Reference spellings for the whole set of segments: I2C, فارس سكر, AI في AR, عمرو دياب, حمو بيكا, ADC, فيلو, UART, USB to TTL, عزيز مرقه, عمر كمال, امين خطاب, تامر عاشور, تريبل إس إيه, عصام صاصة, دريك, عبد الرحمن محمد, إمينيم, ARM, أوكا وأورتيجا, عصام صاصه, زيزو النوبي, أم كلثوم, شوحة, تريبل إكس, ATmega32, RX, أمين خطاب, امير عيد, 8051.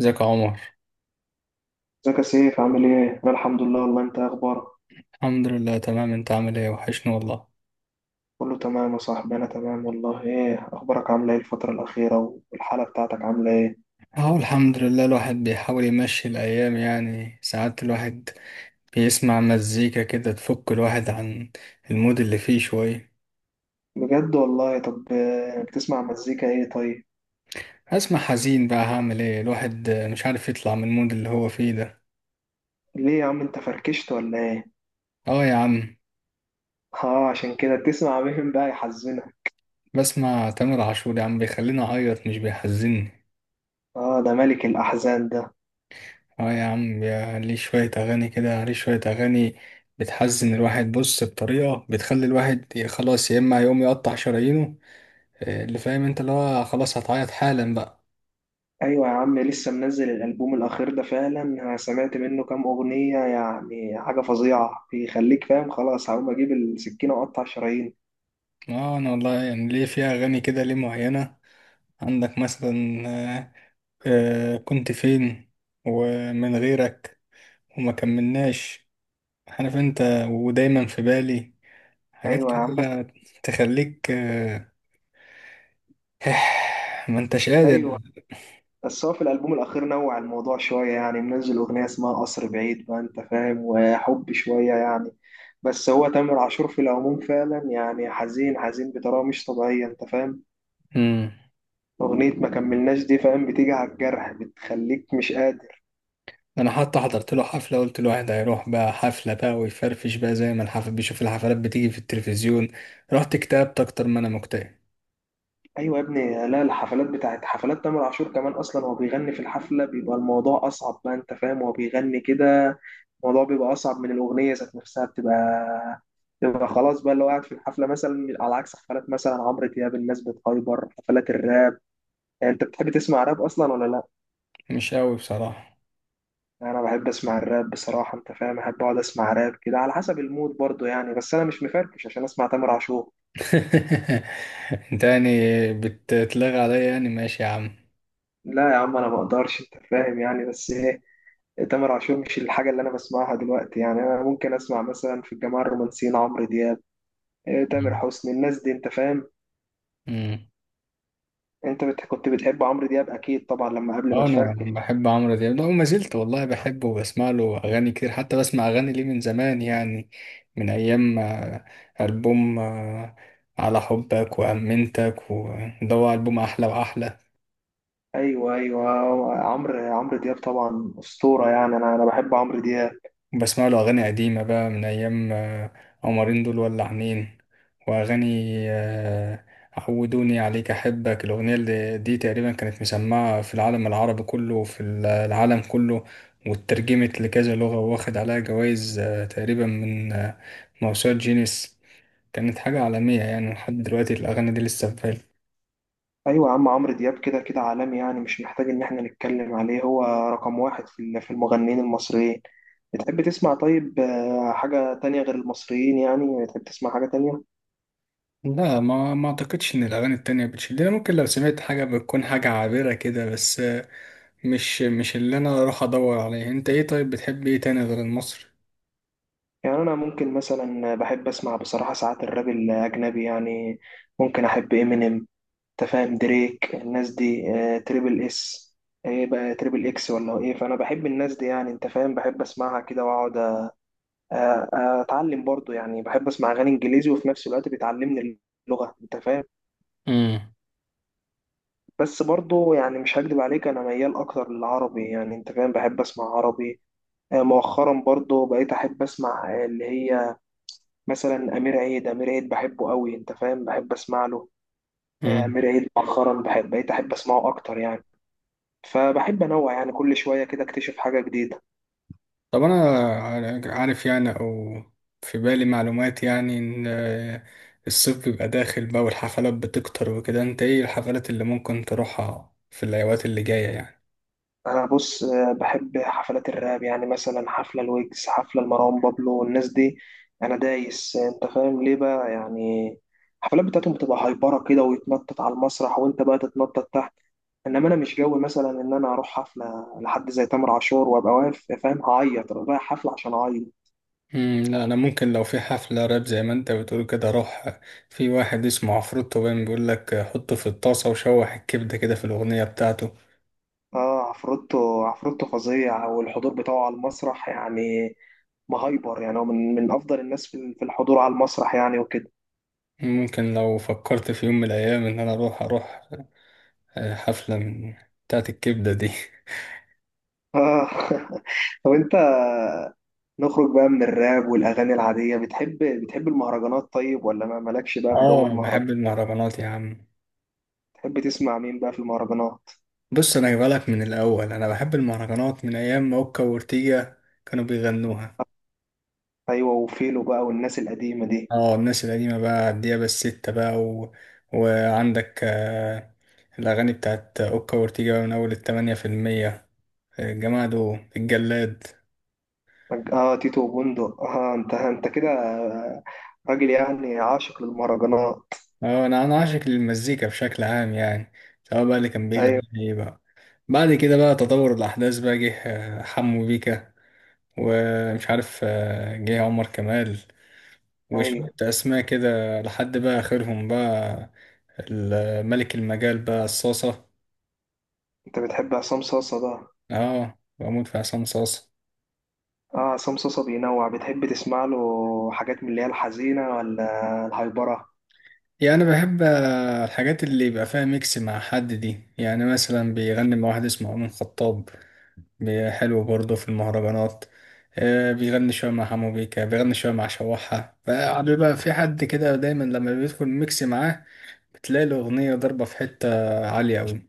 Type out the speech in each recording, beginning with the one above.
ازيك يا عمر. ازيك يا سيف، عامل ايه؟ انا الحمد لله والله. انت إيه اخبارك؟ الحمد لله تمام، انت عامل ايه؟ وحشني والله. كله تمام يا صاحبي، انا تمام والله. ايه اخبارك؟ عامله ايه الفترة الأخيرة؟ والحالة بتاعتك عاملة ايه؟ اهو الحمد لله، الواحد بيحاول يمشي الايام، يعني ساعات الواحد بيسمع مزيكا كده تفك الواحد عن المود اللي فيه شوية. بجد والله. طب بتسمع مزيكا ايه طيب؟ اسمع حزين بقى، هعمل ايه؟ الواحد مش عارف يطلع من المود اللي هو فيه ده. ليه يا عم انت فركشت ولا ايه؟ اه يا عم. اه، عشان كده بتسمع مين بقى يحزنك؟ بسمع تامر عاشور يا عم، بيخليني اعيط مش بيحزني. اه، ده ملك الأحزان ده. اه يا عم، ليه شوية اغاني كده، ليه شوية اغاني بتحزن الواحد؟ بص، بطريقة بتخلي الواحد خلاص يا اما يقوم يقطع شرايينه، اللي فاهم انت اللي هو خلاص هتعيط حالا بقى. ايوه يا عم، لسه منزل الألبوم الأخير ده فعلا، انا سمعت منه كام أغنية يعني حاجة فظيعة بيخليك فاهم خلاص هقوم اجيب السكينة واقطع شرايين. اه انا والله، يعني ليه في اغاني كده ليه معينة؟ عندك مثلا كنت فين، ومن غيرك، وما كملناش، عارف انت، ودايما في بالي، حاجات ايوه يا عم بس. كده تخليك. ما انتش قادر. ايوه. بس هو في الألبوم الأخير نوع الموضوع شوية، يعني منزل أغنية اسمها قصر بعيد بقى أنت فاهم وحب شوية يعني. بس هو تامر عاشور في العموم فعلا يعني حزين حزين بطريقة مش طبيعية أنت فاهم. امم. أغنية ما كملناش دي فاهم بتيجي على الجرح بتخليك مش قادر. انا حتى حضرت له حفله، قلت له واحد هيروح بقى حفله بقى ويفرفش بقى زي ما الحفل بيشوف الحفلات بتيجي في التلفزيون، رحت اكتئبت اكتر ما انا مكتئب. ايوه يا ابني، لا الحفلات بتاعت حفلات تامر عاشور كمان اصلا هو بيغني في الحفله بيبقى الموضوع اصعب بقى انت فاهم، هو بيغني كده الموضوع بيبقى اصعب من الاغنيه ذات نفسها. بتبقى خلاص بقى، اللي هو قاعد في الحفله مثلا على عكس حفلات مثلا عمرو دياب الناس بتهايبر حفلات الراب. يعني انت بتحب تسمع راب اصلا ولا لا؟ مش قوي بصراحه. انا بحب اسمع الراب بصراحه انت فاهم، احب اقعد اسمع راب كده على حسب المود برضو يعني، بس انا مش مفركش عشان اسمع تامر عاشور. انت يعني بتتلغى عليا؟ يعني ماشي يا عم. لا يا عم انا ما اقدرش انت فاهم يعني، بس ايه، تامر عاشور مش الحاجة اللي أنا بسمعها دلوقتي يعني. أنا ممكن أسمع مثلا في الجماعة الرومانسيين عمرو دياب، تامر حسني، الناس دي أنت فاهم. امم. كنت بتحب عمرو دياب أكيد طبعا لما قبل ما اه انا تفركش. بحب عمرو دياب ده وما زلت والله بحبه، وبسمع له اغاني كتير، حتى بسمع اغاني ليه من زمان يعني، من ايام البوم على حبك وامنتك، وده هو البوم احلى واحلى. أيوه أيوه. عمرو دياب طبعا أسطورة يعني. أنا بحب عمرو دياب. بسمع له أغاني قديمة بقى من أيام قمرين دول، ولا عنين، وأغاني آه، عودوني عليك، أحبك. الأغنية اللي دي تقريبا كانت مسمعة في العالم العربي كله وفي العالم كله، واترجمت لكذا لغة، واخد عليها جوائز تقريبا من موسوعة جينيس. كانت حاجة عالمية، يعني لحد دلوقتي الأغاني دي لسه في بالي. أيوه يا عم عمرو دياب كده كده عالمي، يعني مش محتاج إن إحنا نتكلم عليه. هو رقم واحد في في المغنيين المصريين. بتحب تسمع طيب حاجة تانية غير المصريين؟ يعني بتحب تسمع حاجة تانية؟ لا، ما أعتقدش إن الأغاني التانية بتشدني. ممكن لو سمعت حاجة بتكون حاجة عابرة كده، بس مش اللي انا اروح ادور عليه. انت ايه؟ طيب بتحب ايه تاني غير المصري؟ يعني أنا ممكن مثلا بحب أسمع بصراحة ساعات الراب الأجنبي يعني. ممكن أحب إمينيم، تفاهم، دريك، الناس دي، تريبل إس. إيه بقى تريبل إكس ولا إيه؟ فأنا بحب الناس دي يعني أنت فاهم، بحب أسمعها كده وأقعد، أتعلم برضو يعني. بحب أسمع أغاني إنجليزي وفي نفس الوقت بتعلمني اللغة أنت فاهم. امم. بس برضو يعني مش هكدب عليك، أنا ميال أكتر للعربي يعني أنت فاهم، بحب أسمع عربي. مؤخرا برضو بقيت أحب أسمع اللي هي مثلا امير عيد، امير عيد بحبه قوي انت فاهم بحب اسمع له. امم امير عيد مؤخرا بقيت احب اسمعه اكتر يعني. فبحب انوع يعني كل شويه كده اكتشف حاجه جديده. طب انا عارف يعني، او في بالي معلومات يعني، ان الصيف بيبقى داخل بقى والحفلات بتكتر وكده. انت ايه الحفلات اللي ممكن تروحها في الايوات اللي جاية يعني؟ انا بص بحب حفلات الراب، يعني مثلا حفله الويجز، حفله لمروان بابلو والناس دي. انا دايس انت فاهم ليه بقى يعني. الحفلات بتاعتهم بتبقى هايبره كده ويتنطط على المسرح وانت بقى تتنطط تحت. انما انا مش جوي مثلا ان انا اروح حفله لحد زي تامر عاشور وابقى واقف فاهم، هعيط رايح حفله عشان اعيط. امم. لا انا ممكن لو في حفلة راب زي ما انت بتقول كده اروح. في واحد اسمه عفروتو، باين بيقول لك حطه في الطاسة وشوح الكبدة كده في الاغنية بتاعته. اه، عفروتو عفروتو فظيع، والحضور بتاعه على المسرح يعني مهايبر يعني. هو من افضل الناس في الحضور على المسرح يعني وكده. ممكن لو فكرت في يوم من الايام ان انا اروح حفلة من بتاعت الكبدة دي. اه. طب انت، نخرج بقى من الراب والاغاني العاديه. بتحب المهرجانات طيب ولا ما مالكش بقى في جو اه. المهرجانات؟ بحب المهرجانات يا عم. تحب تسمع مين بقى في المهرجانات؟ بص انا جايبلك من الاول، انا بحب المهرجانات من ايام ما اوكا وأورتيجا كانوا بيغنوها. ايوه وفيلو بقى والناس القديمه دي. اه الناس القديمة بقى، الديابة الستة بقى، و... وعندك الاغاني بتاعت اوكا وأورتيجا بقى، من اول 80%، الجماعة دول، الجلاد. اه تيتو وبندق. اه، انت كده راجل يعني عاشق للمهرجانات. اه انا عاشق للمزيكا بشكل عام يعني، سواء بقى اللي كان ايوه بيغني ايه بقى. بعد كده بقى تطور الاحداث بقى، جه حمو بيكا، ومش عارف جه عمر كمال، ايوه. وشوية أسماء كده، لحد بقى آخرهم بقى ملك المجال بقى صاصة. انت بتحب عصام صاصه ده؟ اه بموت في عصام صاصة. اه عصام صوصة بينوع، بتحب تسمع له حاجات من اللي هي الحزينة ولا الهايبرة؟ يعني أنا بحب الحاجات اللي يبقى فيها ميكس مع حد دي، يعني مثلا بيغني مع واحد اسمه أمين خطاب، حلو برضه في المهرجانات. بيغني شوية مع حمو بيكا، بيغني شوية مع شوحة، فقعد بقى في حد كده دايما لما بيدخل ميكس معاه بتلاقي الأغنية ضربة في حتة عالية أوي.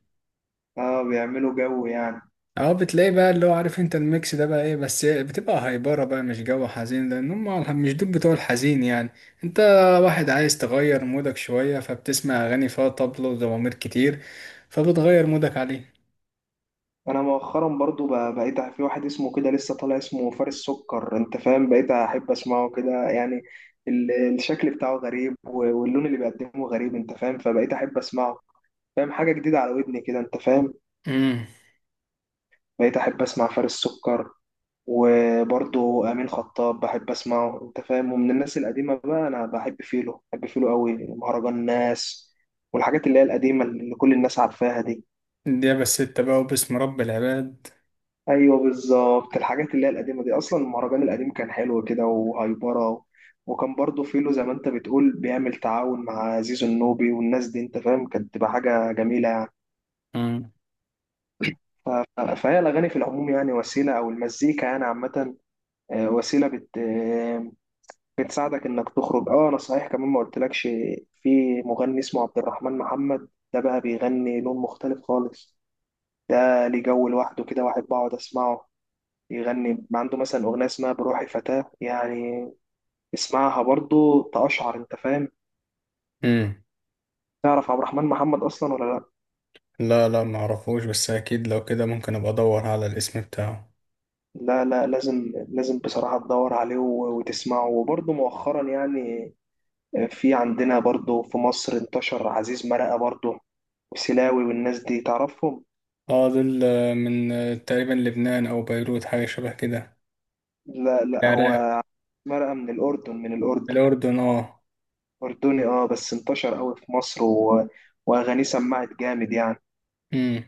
اه بيعملوا جو يعني. اه، بتلاقي بقى اللي هو عارف انت الميكس ده بقى ايه، بس إيه، بتبقى هايبرة بقى، مش جو حزين، لان هم مش دول بتوع الحزين يعني. انت واحد عايز تغير مودك شوية، فبتسمع اغاني فيها طبل وزمامير كتير، فبتغير مودك عليه. انا مؤخرا برضو بقيت في واحد اسمه كده لسه طالع اسمه فارس سكر انت فاهم بقيت احب اسمعه كده يعني. الشكل بتاعه غريب واللون اللي بيقدمه غريب انت فاهم، فبقيت احب اسمعه. فاهم، حاجة جديدة على ودني كده انت فاهم. امم، بقيت احب اسمع فارس سكر. وبرضه امين خطاب بحب اسمعه انت فاهم. ومن الناس القديمه بقى انا بحب فيلو، بحب فيلو قوي مهرجان الناس والحاجات اللي هي القديمه اللي كل الناس عارفاها دي. ده بس انت بقى وباسم رب العباد. ايوه بالظبط، الحاجات اللي هي القديمه دي اصلا، المهرجان القديم كان حلو كده وهايبره. وكان برضه فيلو زي ما انت بتقول بيعمل تعاون مع زيزو النوبي والناس دي انت فاهم، كانت تبقى حاجه جميله يعني. امم. ف- فهي الاغاني في العموم يعني وسيله، او المزيكا يعني عامه، وسيله بتساعدك انك تخرج. اه انا صحيح كمان ما قلتلكش، في مغني اسمه عبد الرحمن محمد ده بقى بيغني لون مختلف خالص. ده ليه جو لوحده كده، واحد بقعد اسمعه. يغني عنده مثلا اغنيه اسمها بروحي فتاه يعني، اسمعها برضو تقشعر انت فاهم. امم تعرف عبد الرحمن محمد اصلا ولا لا؟ لا، معرفوش، بس اكيد لو كده ممكن ابقى ادور على الاسم بتاعه. لا لا، لازم لازم بصراحه تدور عليه وتسمعه. وبرضو مؤخرا يعني في عندنا برضو في مصر انتشر عزيز مرقه برضو، وسلاوي والناس دي تعرفهم. اه دول من تقريبا لبنان او بيروت، حاجة شبه كده. لا لا، العراق. هو مرقة من الأردن، من الأردن. الاردن اه. أردني اه، بس انتشر قوي في مصر وأغانيه سمعت جامد يعني. امم.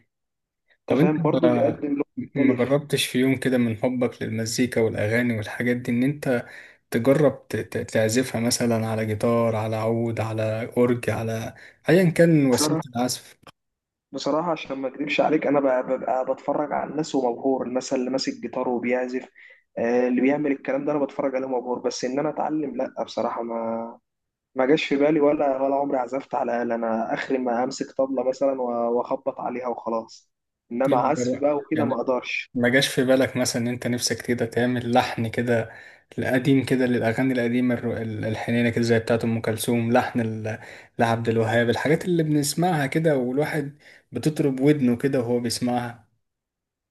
طب أنت انت فاهم برضه بيقدم لون ما مختلف. جربتش في يوم كده من حبك للمزيكا والأغاني والحاجات دي إن أنت تجرب تعزفها مثلا على جيتار، على عود، على أورج، على أيا كان وسيلة بصراحة العزف؟ بصراحة عشان ما أكدبش عليك أنا ببقى بتفرج على الناس ومبهور مثلا اللي ماسك جيتار وبيعزف. اللي بيعمل الكلام ده أنا بتفرج عليه مبهور، بس إن أنا أتعلم لأ بصراحة. ما جاش في بالي ولا، عمري عزفت على آلة. أنا آخري ما أمسك طبلة مثلا وأخبط عليها وخلاص. ليه إنما ما عزف جرب- بقى وكده ما يعني أقدرش. ما جاش في بالك مثلا إن أنت نفسك كده تعمل لحن كده، القديم كده، للأغاني القديمة الحنينة كده، زي بتاعة أم كلثوم، لحن لعبد الوهاب، الحاجات اللي بنسمعها كده والواحد بتطرب ودنه كده وهو بيسمعها؟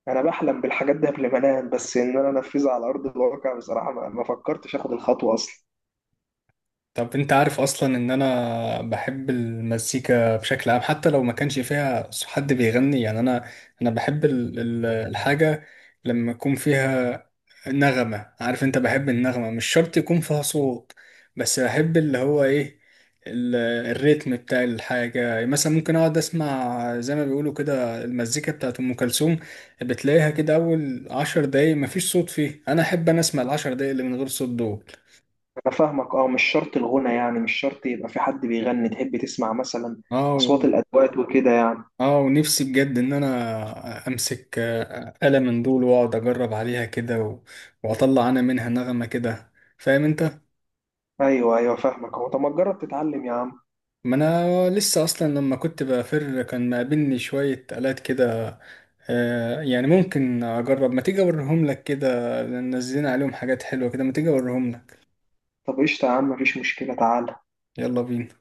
انا بحلم بالحاجات دي قبل ما انام، بس ان انا انفذها على ارض الواقع بصراحه ما فكرتش اخد الخطوه اصلا. طب انت عارف اصلا ان انا بحب المزيكا بشكل عام، حتى لو ما كانش فيها حد بيغني يعني، انا بحب الحاجة لما يكون فيها نغمة. عارف انت، بحب النغمة، مش شرط يكون فيها صوت، بس بحب اللي هو ايه، ال- الريتم بتاع الحاجة. مثلا ممكن اقعد اسمع زي ما بيقولوا كده المزيكا بتاعت ام كلثوم، بتلاقيها كده اول 10 دقايق مفيش صوت فيه، انا احب انا اسمع ال10 دقايق اللي من غير صوت دول. انا فاهمك، اه مش شرط الغنى، يعني مش شرط يبقى في حد بيغني، تحب تسمع مثلا اه. اصوات الادوات وكده يعني. اه، ونفسي بجد ان انا امسك آلة من دول واقعد اجرب عليها كده، واطلع انا منها نغمة كده، فاهم انت. ايوه ايوه فاهمك اهو. طب ما تجرب تتعلم يا عم. ما انا لسه اصلا لما كنت بفر كان مقابلني شوية آلات كده، آه يعني ممكن اجرب. ما تيجي اوريهم لك كده، لأن نزلنا عليهم حاجات حلوة كده، ما تيجي اوريهم لك. طب قشطه يا عم، مفيش مشكله، تعال. يلا بينا.